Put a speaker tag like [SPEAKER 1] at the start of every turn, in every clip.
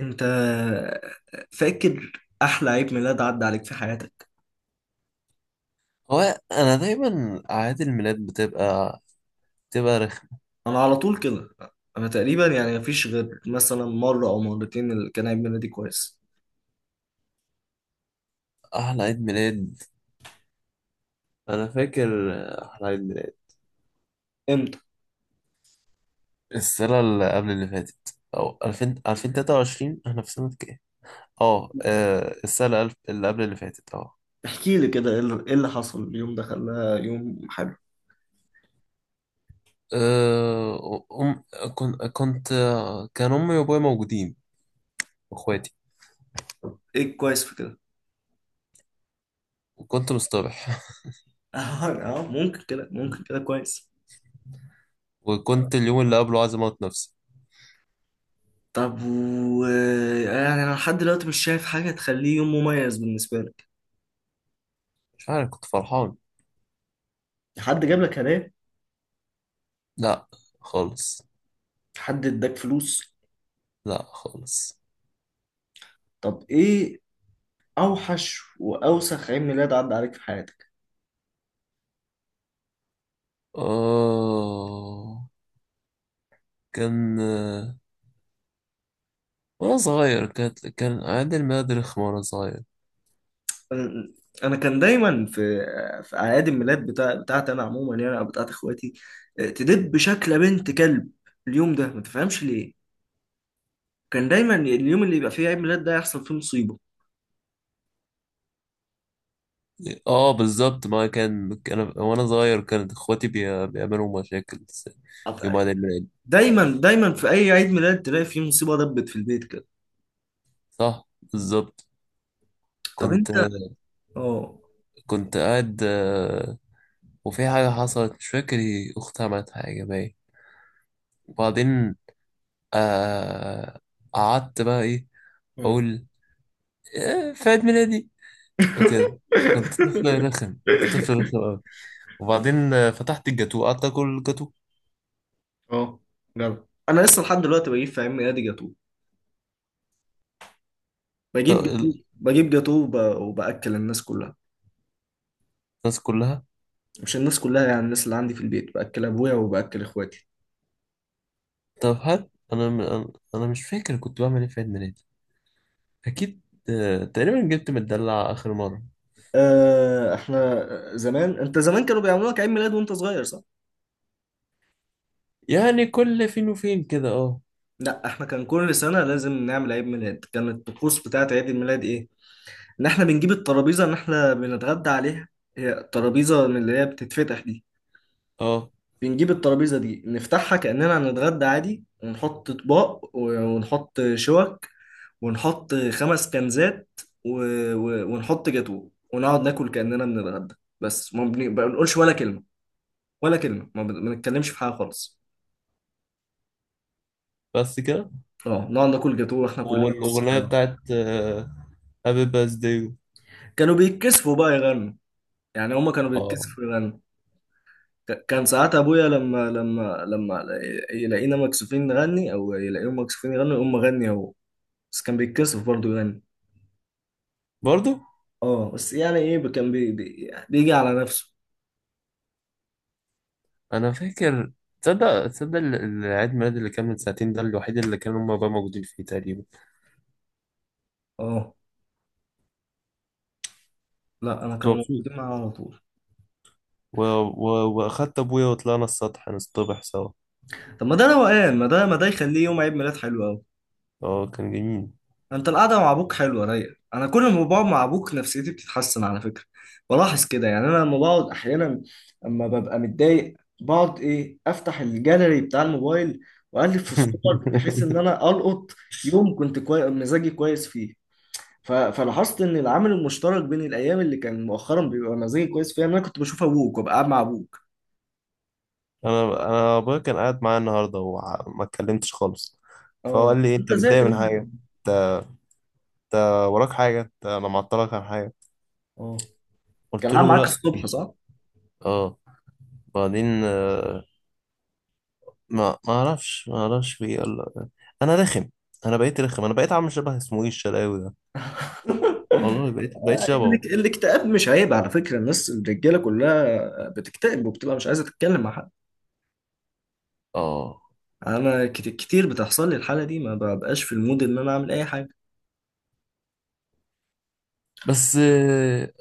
[SPEAKER 1] انت فاكر احلى عيد ميلاد عدى عليك في حياتك؟
[SPEAKER 2] هو انا دايما اعياد الميلاد بتبقى رخمة.
[SPEAKER 1] انا على طول كده. انا تقريبا يعني مفيش غير مثلا مره او مرتين اللي كان عيد ميلادي كويس.
[SPEAKER 2] احلى عيد ميلاد انا فاكر احلى عيد ميلاد
[SPEAKER 1] امتى؟
[SPEAKER 2] السنة اللي قبل اللي فاتت او 2000 2023، احنا في سنة كام؟ اه، السنة اللي قبل اللي فاتت اه.
[SPEAKER 1] احكي لي كده، ايه اللي إيه اللي حصل اليوم ده خلاه يوم حلو؟
[SPEAKER 2] آه، أم كنت كان أمي وأبوي موجودين وإخواتي،
[SPEAKER 1] ايه الكويس في كده؟
[SPEAKER 2] وكنت مصطبح.
[SPEAKER 1] اه. ممكن كده، ممكن كده كويس.
[SPEAKER 2] وكنت اليوم اللي قبله عايز أموت نفسي.
[SPEAKER 1] طب، يعني انا لحد دلوقتي مش شايف حاجه تخليه يوم مميز بالنسبه لك.
[SPEAKER 2] مش عارف، كنت فرحان.
[SPEAKER 1] حد جاب لك هدايا؟
[SPEAKER 2] لا خالص.
[SPEAKER 1] حد اداك فلوس؟
[SPEAKER 2] لا خالص.
[SPEAKER 1] طب ايه اوحش واوسخ عيد ميلاد عدى عليك في حياتك؟
[SPEAKER 2] آه كان، وانا صغير كان عندي الماد رخمة وانا صغير.
[SPEAKER 1] انا كان دايما في اعياد الميلاد بتاعتي انا عموما، يعني او بتاعت اخواتي. تدب شكل بنت كلب اليوم ده، ما تفهمش ليه. كان دايما اليوم اللي يبقى فيه عيد ميلاد ده يحصل فيه مصيبه.
[SPEAKER 2] اه بالظبط، ما كان وانا صغير كانت اخواتي بيعملوا مشاكل
[SPEAKER 1] طب
[SPEAKER 2] يوم عيد الميلاد.
[SPEAKER 1] دايما دايما في اي عيد ميلاد تلاقي فيه مصيبه دبت في البيت كده.
[SPEAKER 2] صح بالظبط.
[SPEAKER 1] طب
[SPEAKER 2] كنت
[SPEAKER 1] انت، اه.
[SPEAKER 2] قاعد، وفي حاجة حصلت مش فاكر إيه، اختي عملت حاجة باين. وبعدين آه، قعدت بقى ايه
[SPEAKER 1] مم.
[SPEAKER 2] اقول في عيد ميلادي وكده. كنت طفل رخم أوي. وبعدين فتحت الجاتو، قعدت اكل الجاتو.
[SPEAKER 1] اه. جرب، انا لسه لحد دلوقتي بجيب في عيد ميلادي جاتوه،
[SPEAKER 2] طب
[SPEAKER 1] بجيب جاتوه بجيب جاتوه وباكل الناس كلها.
[SPEAKER 2] الناس كلها.
[SPEAKER 1] مش الناس كلها، يعني الناس اللي عندي في البيت، باكل ابويا وباكل اخواتي.
[SPEAKER 2] طب هات، انا مش فاكر كنت بعمل ايه في عيد ميلادي، اكيد. تقريبا جبت مدلع اخر مره.
[SPEAKER 1] احنا زمان، انت زمان كانوا بيعملوا لك عيد ميلاد وانت صغير، صح؟
[SPEAKER 2] يعني كل فين وفين كده، اه.
[SPEAKER 1] لا، احنا كان كل سنه لازم نعمل عيد ميلاد. كانت الطقوس بتاعت عيد الميلاد ايه؟ ان احنا بنجيب الترابيزه، ان احنا بنتغدى عليها. هي الترابيزه من اللي هي بتتفتح دي.
[SPEAKER 2] اه
[SPEAKER 1] بنجيب الترابيزه دي نفتحها كاننا هنتغدى عادي، ونحط اطباق، ونحط شوك، ونحط خمس كنزات، و... ونحط جاتوه، ونقعد ناكل كأننا بنتغدى. بس ما بنقولش ولا كلمة، ولا كلمة، ما بنتكلمش في حاجة خالص.
[SPEAKER 2] بس كده.
[SPEAKER 1] اه، نقعد ناكل جاتوه واحنا كلنا بس
[SPEAKER 2] والاغنيه
[SPEAKER 1] بقى.
[SPEAKER 2] بتاعت هابي باث داي.
[SPEAKER 1] كانوا بيتكسفوا بقى يغنوا. يعني هما كانوا
[SPEAKER 2] اه
[SPEAKER 1] بيتكسفوا يغنوا. كان ساعات ابويا لما يلاقينا مكسوفين نغني او يلاقيهم مكسوفين يغنوا، يقوم مغني هو. بس كان بيتكسف برضه يغني.
[SPEAKER 2] برضو.
[SPEAKER 1] اه، بس يعني ايه، كان بيجي على نفسه.
[SPEAKER 2] انا فاكر، تصدق العيد ميلاد اللي كان من ساعتين ده الوحيد اللي كانوا هما بقى موجودين فيه تقريبا.
[SPEAKER 1] اه، لا، انا
[SPEAKER 2] كنت
[SPEAKER 1] كانوا موجودين
[SPEAKER 2] مبسوط
[SPEAKER 1] معايا على طول.
[SPEAKER 2] و... و... واخدت ابويا وطلعنا السطح نصطبح سوا.
[SPEAKER 1] طب ما ده روقان، ما ده يخليه يوم عيد ميلاد حلو قوي.
[SPEAKER 2] اه كان جميل.
[SPEAKER 1] انت القعده مع ابوك حلوه رايقه، انا كل ما بقعد مع ابوك نفسيتي بتتحسن على فكره. بلاحظ كده يعني، انا لما بقعد احيانا، اما ببقى متضايق، بقعد ايه، افتح الجاليري بتاع الموبايل واقلب في الصور بحيث ان انا القط يوم كنت مزاجي كويس فيه. فلاحظت ان العامل المشترك بين الايام اللي كان مؤخرا بيبقى مزاجي كويس فيها ان انا كنت بشوف ابوك وابقى قاعد مع ابوك.
[SPEAKER 2] انا، ابويا كان قاعد معايا النهارده وما اتكلمتش خالص. فهو
[SPEAKER 1] اه،
[SPEAKER 2] قال لي إيه،
[SPEAKER 1] انت
[SPEAKER 2] انت
[SPEAKER 1] زهقت
[SPEAKER 2] متضايق من
[SPEAKER 1] منه بقى.
[SPEAKER 2] حاجه، انت وراك حاجه، انا معطلك عن حاجه؟
[SPEAKER 1] اه،
[SPEAKER 2] قلت
[SPEAKER 1] كان قاعد
[SPEAKER 2] له
[SPEAKER 1] معاك
[SPEAKER 2] لا.
[SPEAKER 1] الصبح، صح؟
[SPEAKER 2] اه بعدين، ما اعرفش ما اعرفش في إيه. قال لأ. انا رخم، انا بقيت رخم، انا بقيت عامل شبه اسمه ايه الشلاوي ده. والله بقيت شبهه.
[SPEAKER 1] الاكتئاب مش عيب على فكرة، الناس الرجالة كلها بتكتئب وبتبقى مش عايزة تتكلم مع حد.
[SPEAKER 2] اه
[SPEAKER 1] انا كتير بتحصل لي الحالة دي، ما ببقاش في المود ان انا اعمل اي حاجة.
[SPEAKER 2] بس،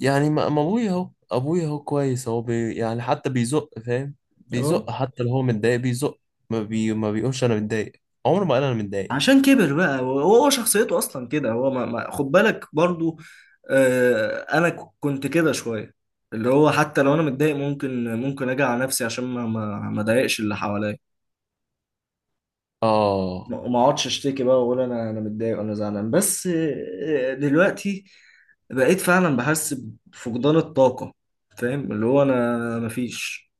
[SPEAKER 2] يعني ما ما ابويا اهو، ابويا اهو كويس، هو يعني حتى بيزق، فاهم، بيزق
[SPEAKER 1] اه،
[SPEAKER 2] حتى لو هو متضايق بيزق. ما بيقولش انا متضايق، عمره ما قال انا متضايق.
[SPEAKER 1] عشان كبر بقى. هو شخصيته اصلا كده، هو خد بالك برضو. انا كنت كده شوية، اللي هو حتى لو انا متضايق ممكن اجي على نفسي عشان ما اضايقش اللي حواليا.
[SPEAKER 2] اه
[SPEAKER 1] ما اقعدش اشتكي بقى واقول انا متضايق وانا زعلان بس. دلوقتي بقيت فعلا بحس بفقدان الطاقة. فاهم اللي هو انا مفيش،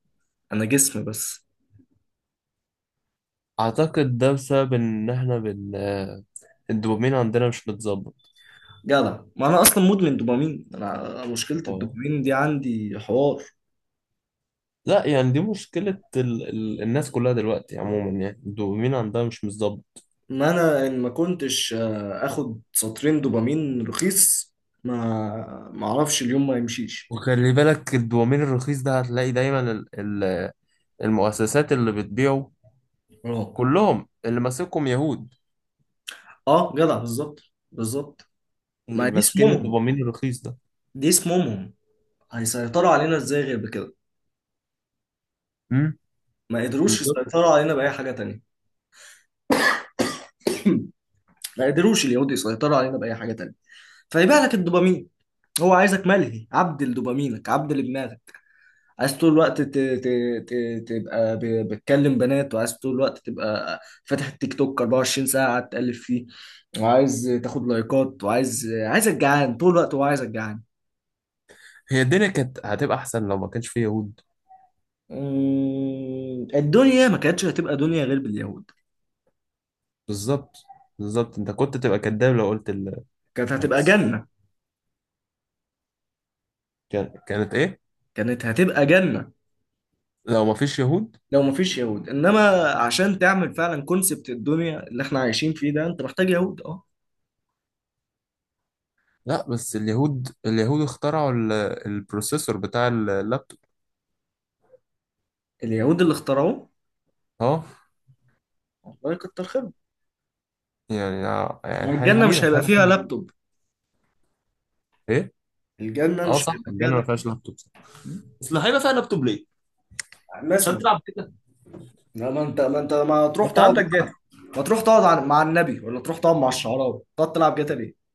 [SPEAKER 1] انا جسم بس.
[SPEAKER 2] اعتقد ده بسبب ان احنا الدوبامين عندنا مش متظبط.
[SPEAKER 1] جدع، ما انا اصلا مدمن دوبامين، انا مشكلة
[SPEAKER 2] اه
[SPEAKER 1] الدوبامين دي عندي حوار.
[SPEAKER 2] لا، يعني دي مشكلة الناس كلها دلوقتي عموما، يعني الدوبامين عندها مش متظبط.
[SPEAKER 1] ما انا ما كنتش اخد سطرين دوبامين رخيص، ما اعرفش اليوم ما يمشيش.
[SPEAKER 2] وخلي بالك الدوبامين الرخيص ده هتلاقي دايما ال... المؤسسات اللي بتبيعه
[SPEAKER 1] اه،
[SPEAKER 2] كلهم اللي ماسكهم يهود.
[SPEAKER 1] اه، جدع بالظبط. بالظبط.
[SPEAKER 2] اللي
[SPEAKER 1] ما دي
[SPEAKER 2] ماسكين
[SPEAKER 1] اسمهم،
[SPEAKER 2] الدوبامين الرخيص ده.
[SPEAKER 1] دي اسمهم هيسيطروا علينا ازاي غير بكده؟
[SPEAKER 2] امم
[SPEAKER 1] ما قدروش
[SPEAKER 2] بالظبط.
[SPEAKER 1] يسيطروا علينا بأي حاجة تانية. ما قدروش اليهود يسيطروا علينا بأي حاجة تانية. فيبيع لك الدوبامين، هو عايزك ملهي، عبد لدوبامينك، عبد لدماغك. عايز طول الوقت ت... تبقى بتكلم بنات، وعايز طول الوقت تبقى فاتح التيك توك 24 ساعة قاعد تقلب فيه. وعايز تاخد لايكات، عايزك جعان طول الوقت، هو عايزك جعان.
[SPEAKER 2] هي الدنيا كانت هتبقى احسن لو ما كانش فيه يهود.
[SPEAKER 1] الدنيا ما كانتش هتبقى دنيا غير باليهود.
[SPEAKER 2] بالظبط، بالظبط، انت كنت تبقى كداب لو قلت
[SPEAKER 1] كانت هتبقى
[SPEAKER 2] العكس.
[SPEAKER 1] جنة.
[SPEAKER 2] كانت ايه
[SPEAKER 1] كانت هتبقى جنة
[SPEAKER 2] لو ما فيش يهود.
[SPEAKER 1] لو مفيش يهود. انما عشان تعمل فعلا كونسبت الدنيا اللي احنا عايشين فيه ده، انت محتاج يهود اه.
[SPEAKER 2] لا بس اليهود، اليهود اخترعوا البروسيسور بتاع اللابتوب.
[SPEAKER 1] اليهود اللي اخترعوه،
[SPEAKER 2] اه.
[SPEAKER 1] الله يكتر خيرهم.
[SPEAKER 2] يعني،
[SPEAKER 1] ما الجنه مش هيبقى
[SPEAKER 2] حاجه
[SPEAKER 1] فيها
[SPEAKER 2] مهمه.
[SPEAKER 1] لابتوب.
[SPEAKER 2] ايه؟
[SPEAKER 1] الجنه
[SPEAKER 2] اه
[SPEAKER 1] مش
[SPEAKER 2] صح
[SPEAKER 1] هيبقى فيها
[SPEAKER 2] الجنه ما فيهاش
[SPEAKER 1] لابتوب،
[SPEAKER 2] لابتوب صح. اصل هيبقى فيها لابتوب ليه، عشان
[SPEAKER 1] مثلا.
[SPEAKER 2] تلعب كده؟
[SPEAKER 1] لا، ما انت ما
[SPEAKER 2] ما
[SPEAKER 1] تروح
[SPEAKER 2] انت
[SPEAKER 1] تقعد،
[SPEAKER 2] عندك.
[SPEAKER 1] ما تروح تقعد مع النبي، ولا تروح تقعد مع الشعراء، تقعد تلعب جاتا ليه؟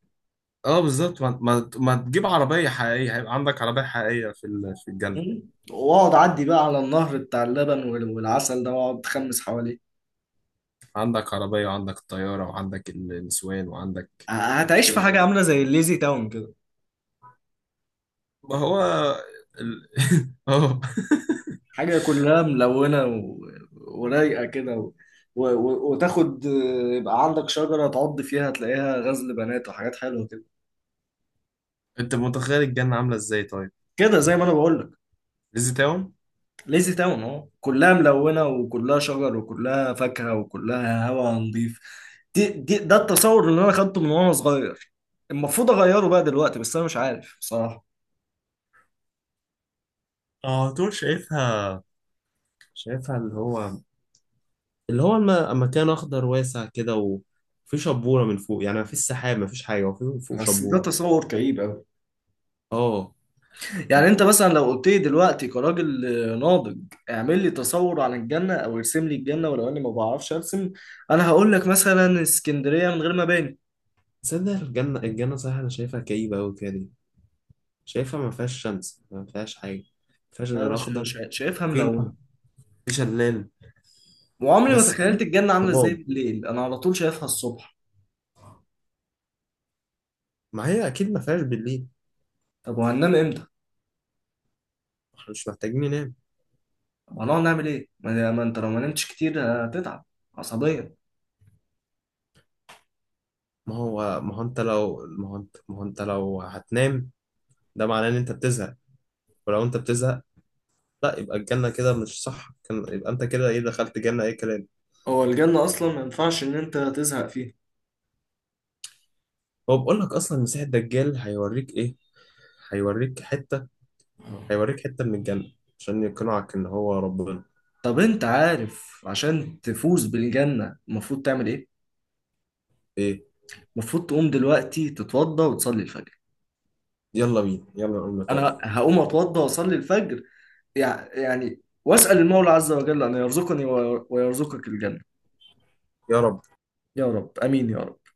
[SPEAKER 2] اه بالظبط، ما, ما, ما تجيب عربية حقيقية، هيبقى عندك عربية حقيقية في في الجنة.
[SPEAKER 1] مم؟ واقعد عدي بقى على النهر بتاع اللبن والعسل ده واقعد تخمس حواليه.
[SPEAKER 2] عندك عربية وعندك طيارة وعندك النسوان وعندك
[SPEAKER 1] هتعيش
[SPEAKER 2] كل
[SPEAKER 1] في
[SPEAKER 2] حاجة.
[SPEAKER 1] حاجه عامله زي الليزي تاون كده.
[SPEAKER 2] ما هو ال... اه.
[SPEAKER 1] حاجة كلها ملونة، ورايقة كده، وتاخد، يبقى عندك شجرة تعض فيها تلاقيها غزل بنات وحاجات حلوة كده.
[SPEAKER 2] انت متخيل الجنة عاملة ازاي طيب؟
[SPEAKER 1] كده زي ما انا بقول لك.
[SPEAKER 2] ليزي تاون؟
[SPEAKER 1] ليزي تاون اهو، كلها ملونة وكلها شجر وكلها فاكهة وكلها هواء نظيف. دي... دي ده التصور اللي انا خدته من وانا صغير. المفروض اغيره بقى دلوقتي، بس انا مش عارف بصراحة.
[SPEAKER 2] اه طول شايفها اللي هو، مكان اخضر واسع كده، وفي شبورة من فوق. يعني مفيش سحاب مفيش حاجة، وفي فوق
[SPEAKER 1] بس ده
[SPEAKER 2] شبورة.
[SPEAKER 1] تصور كئيب.
[SPEAKER 2] اه
[SPEAKER 1] يعني انت مثلا لو قلت لي دلوقتي كراجل ناضج، اعمل لي تصور عن الجنة او ارسم لي الجنة، ولو اني ما بعرفش ارسم، انا هقول لك مثلا اسكندرية من غير مباني.
[SPEAKER 2] تصدق الجنة، صحيح انا شايفها كئيبة قوي كده. شايفها ما فيهاش شمس، ما فيهاش حاجة، ما فيهاش
[SPEAKER 1] ده انا
[SPEAKER 2] غير أخضر.
[SPEAKER 1] شايفها
[SPEAKER 2] فين؟
[SPEAKER 1] ملونة،
[SPEAKER 2] في شلال.
[SPEAKER 1] وعمري ما
[SPEAKER 2] بس
[SPEAKER 1] تخيلت
[SPEAKER 2] في
[SPEAKER 1] الجنة عاملة ازاي
[SPEAKER 2] ضباب.
[SPEAKER 1] بالليل، انا على طول شايفها الصبح.
[SPEAKER 2] ما هي أكيد ما فيهاش بالليل.
[SPEAKER 1] طب وهننام امتى؟
[SPEAKER 2] احنا مش محتاجين ننام.
[SPEAKER 1] طب هنقعد نعمل ايه؟ ما انت لو ما نمتش كتير هتتعب عصبيا.
[SPEAKER 2] ما هو ما هو أنت لو ما هو أنت ما هو أنت لو هتنام ده معناه إن أنت بتزهق. ولو أنت بتزهق، لا، يبقى الجنة كده مش صح. كان يبقى أنت كده إيه، دخلت جنة أي كلام.
[SPEAKER 1] هو الجنة اصلا ما ينفعش ان انت تزهق فيها.
[SPEAKER 2] هو بقول لك أصلا مسيح الدجال هيوريك إيه، هيوريك حتة
[SPEAKER 1] آه.
[SPEAKER 2] هيوريك حتة من الجنة، عشان يقنعك إن هو ربنا.
[SPEAKER 1] طب انت عارف عشان تفوز بالجنة المفروض تعمل ايه؟
[SPEAKER 2] إيه؟
[SPEAKER 1] المفروض تقوم دلوقتي تتوضى وتصلي الفجر.
[SPEAKER 2] يلا بينا يلا نقوم نتوضى.
[SPEAKER 1] انا هقوم اتوضى واصلي الفجر. يعني واسال المولى عز وجل ان يرزقني ويرزقك الجنه.
[SPEAKER 2] يا رب.
[SPEAKER 1] يا رب، امين يا رب.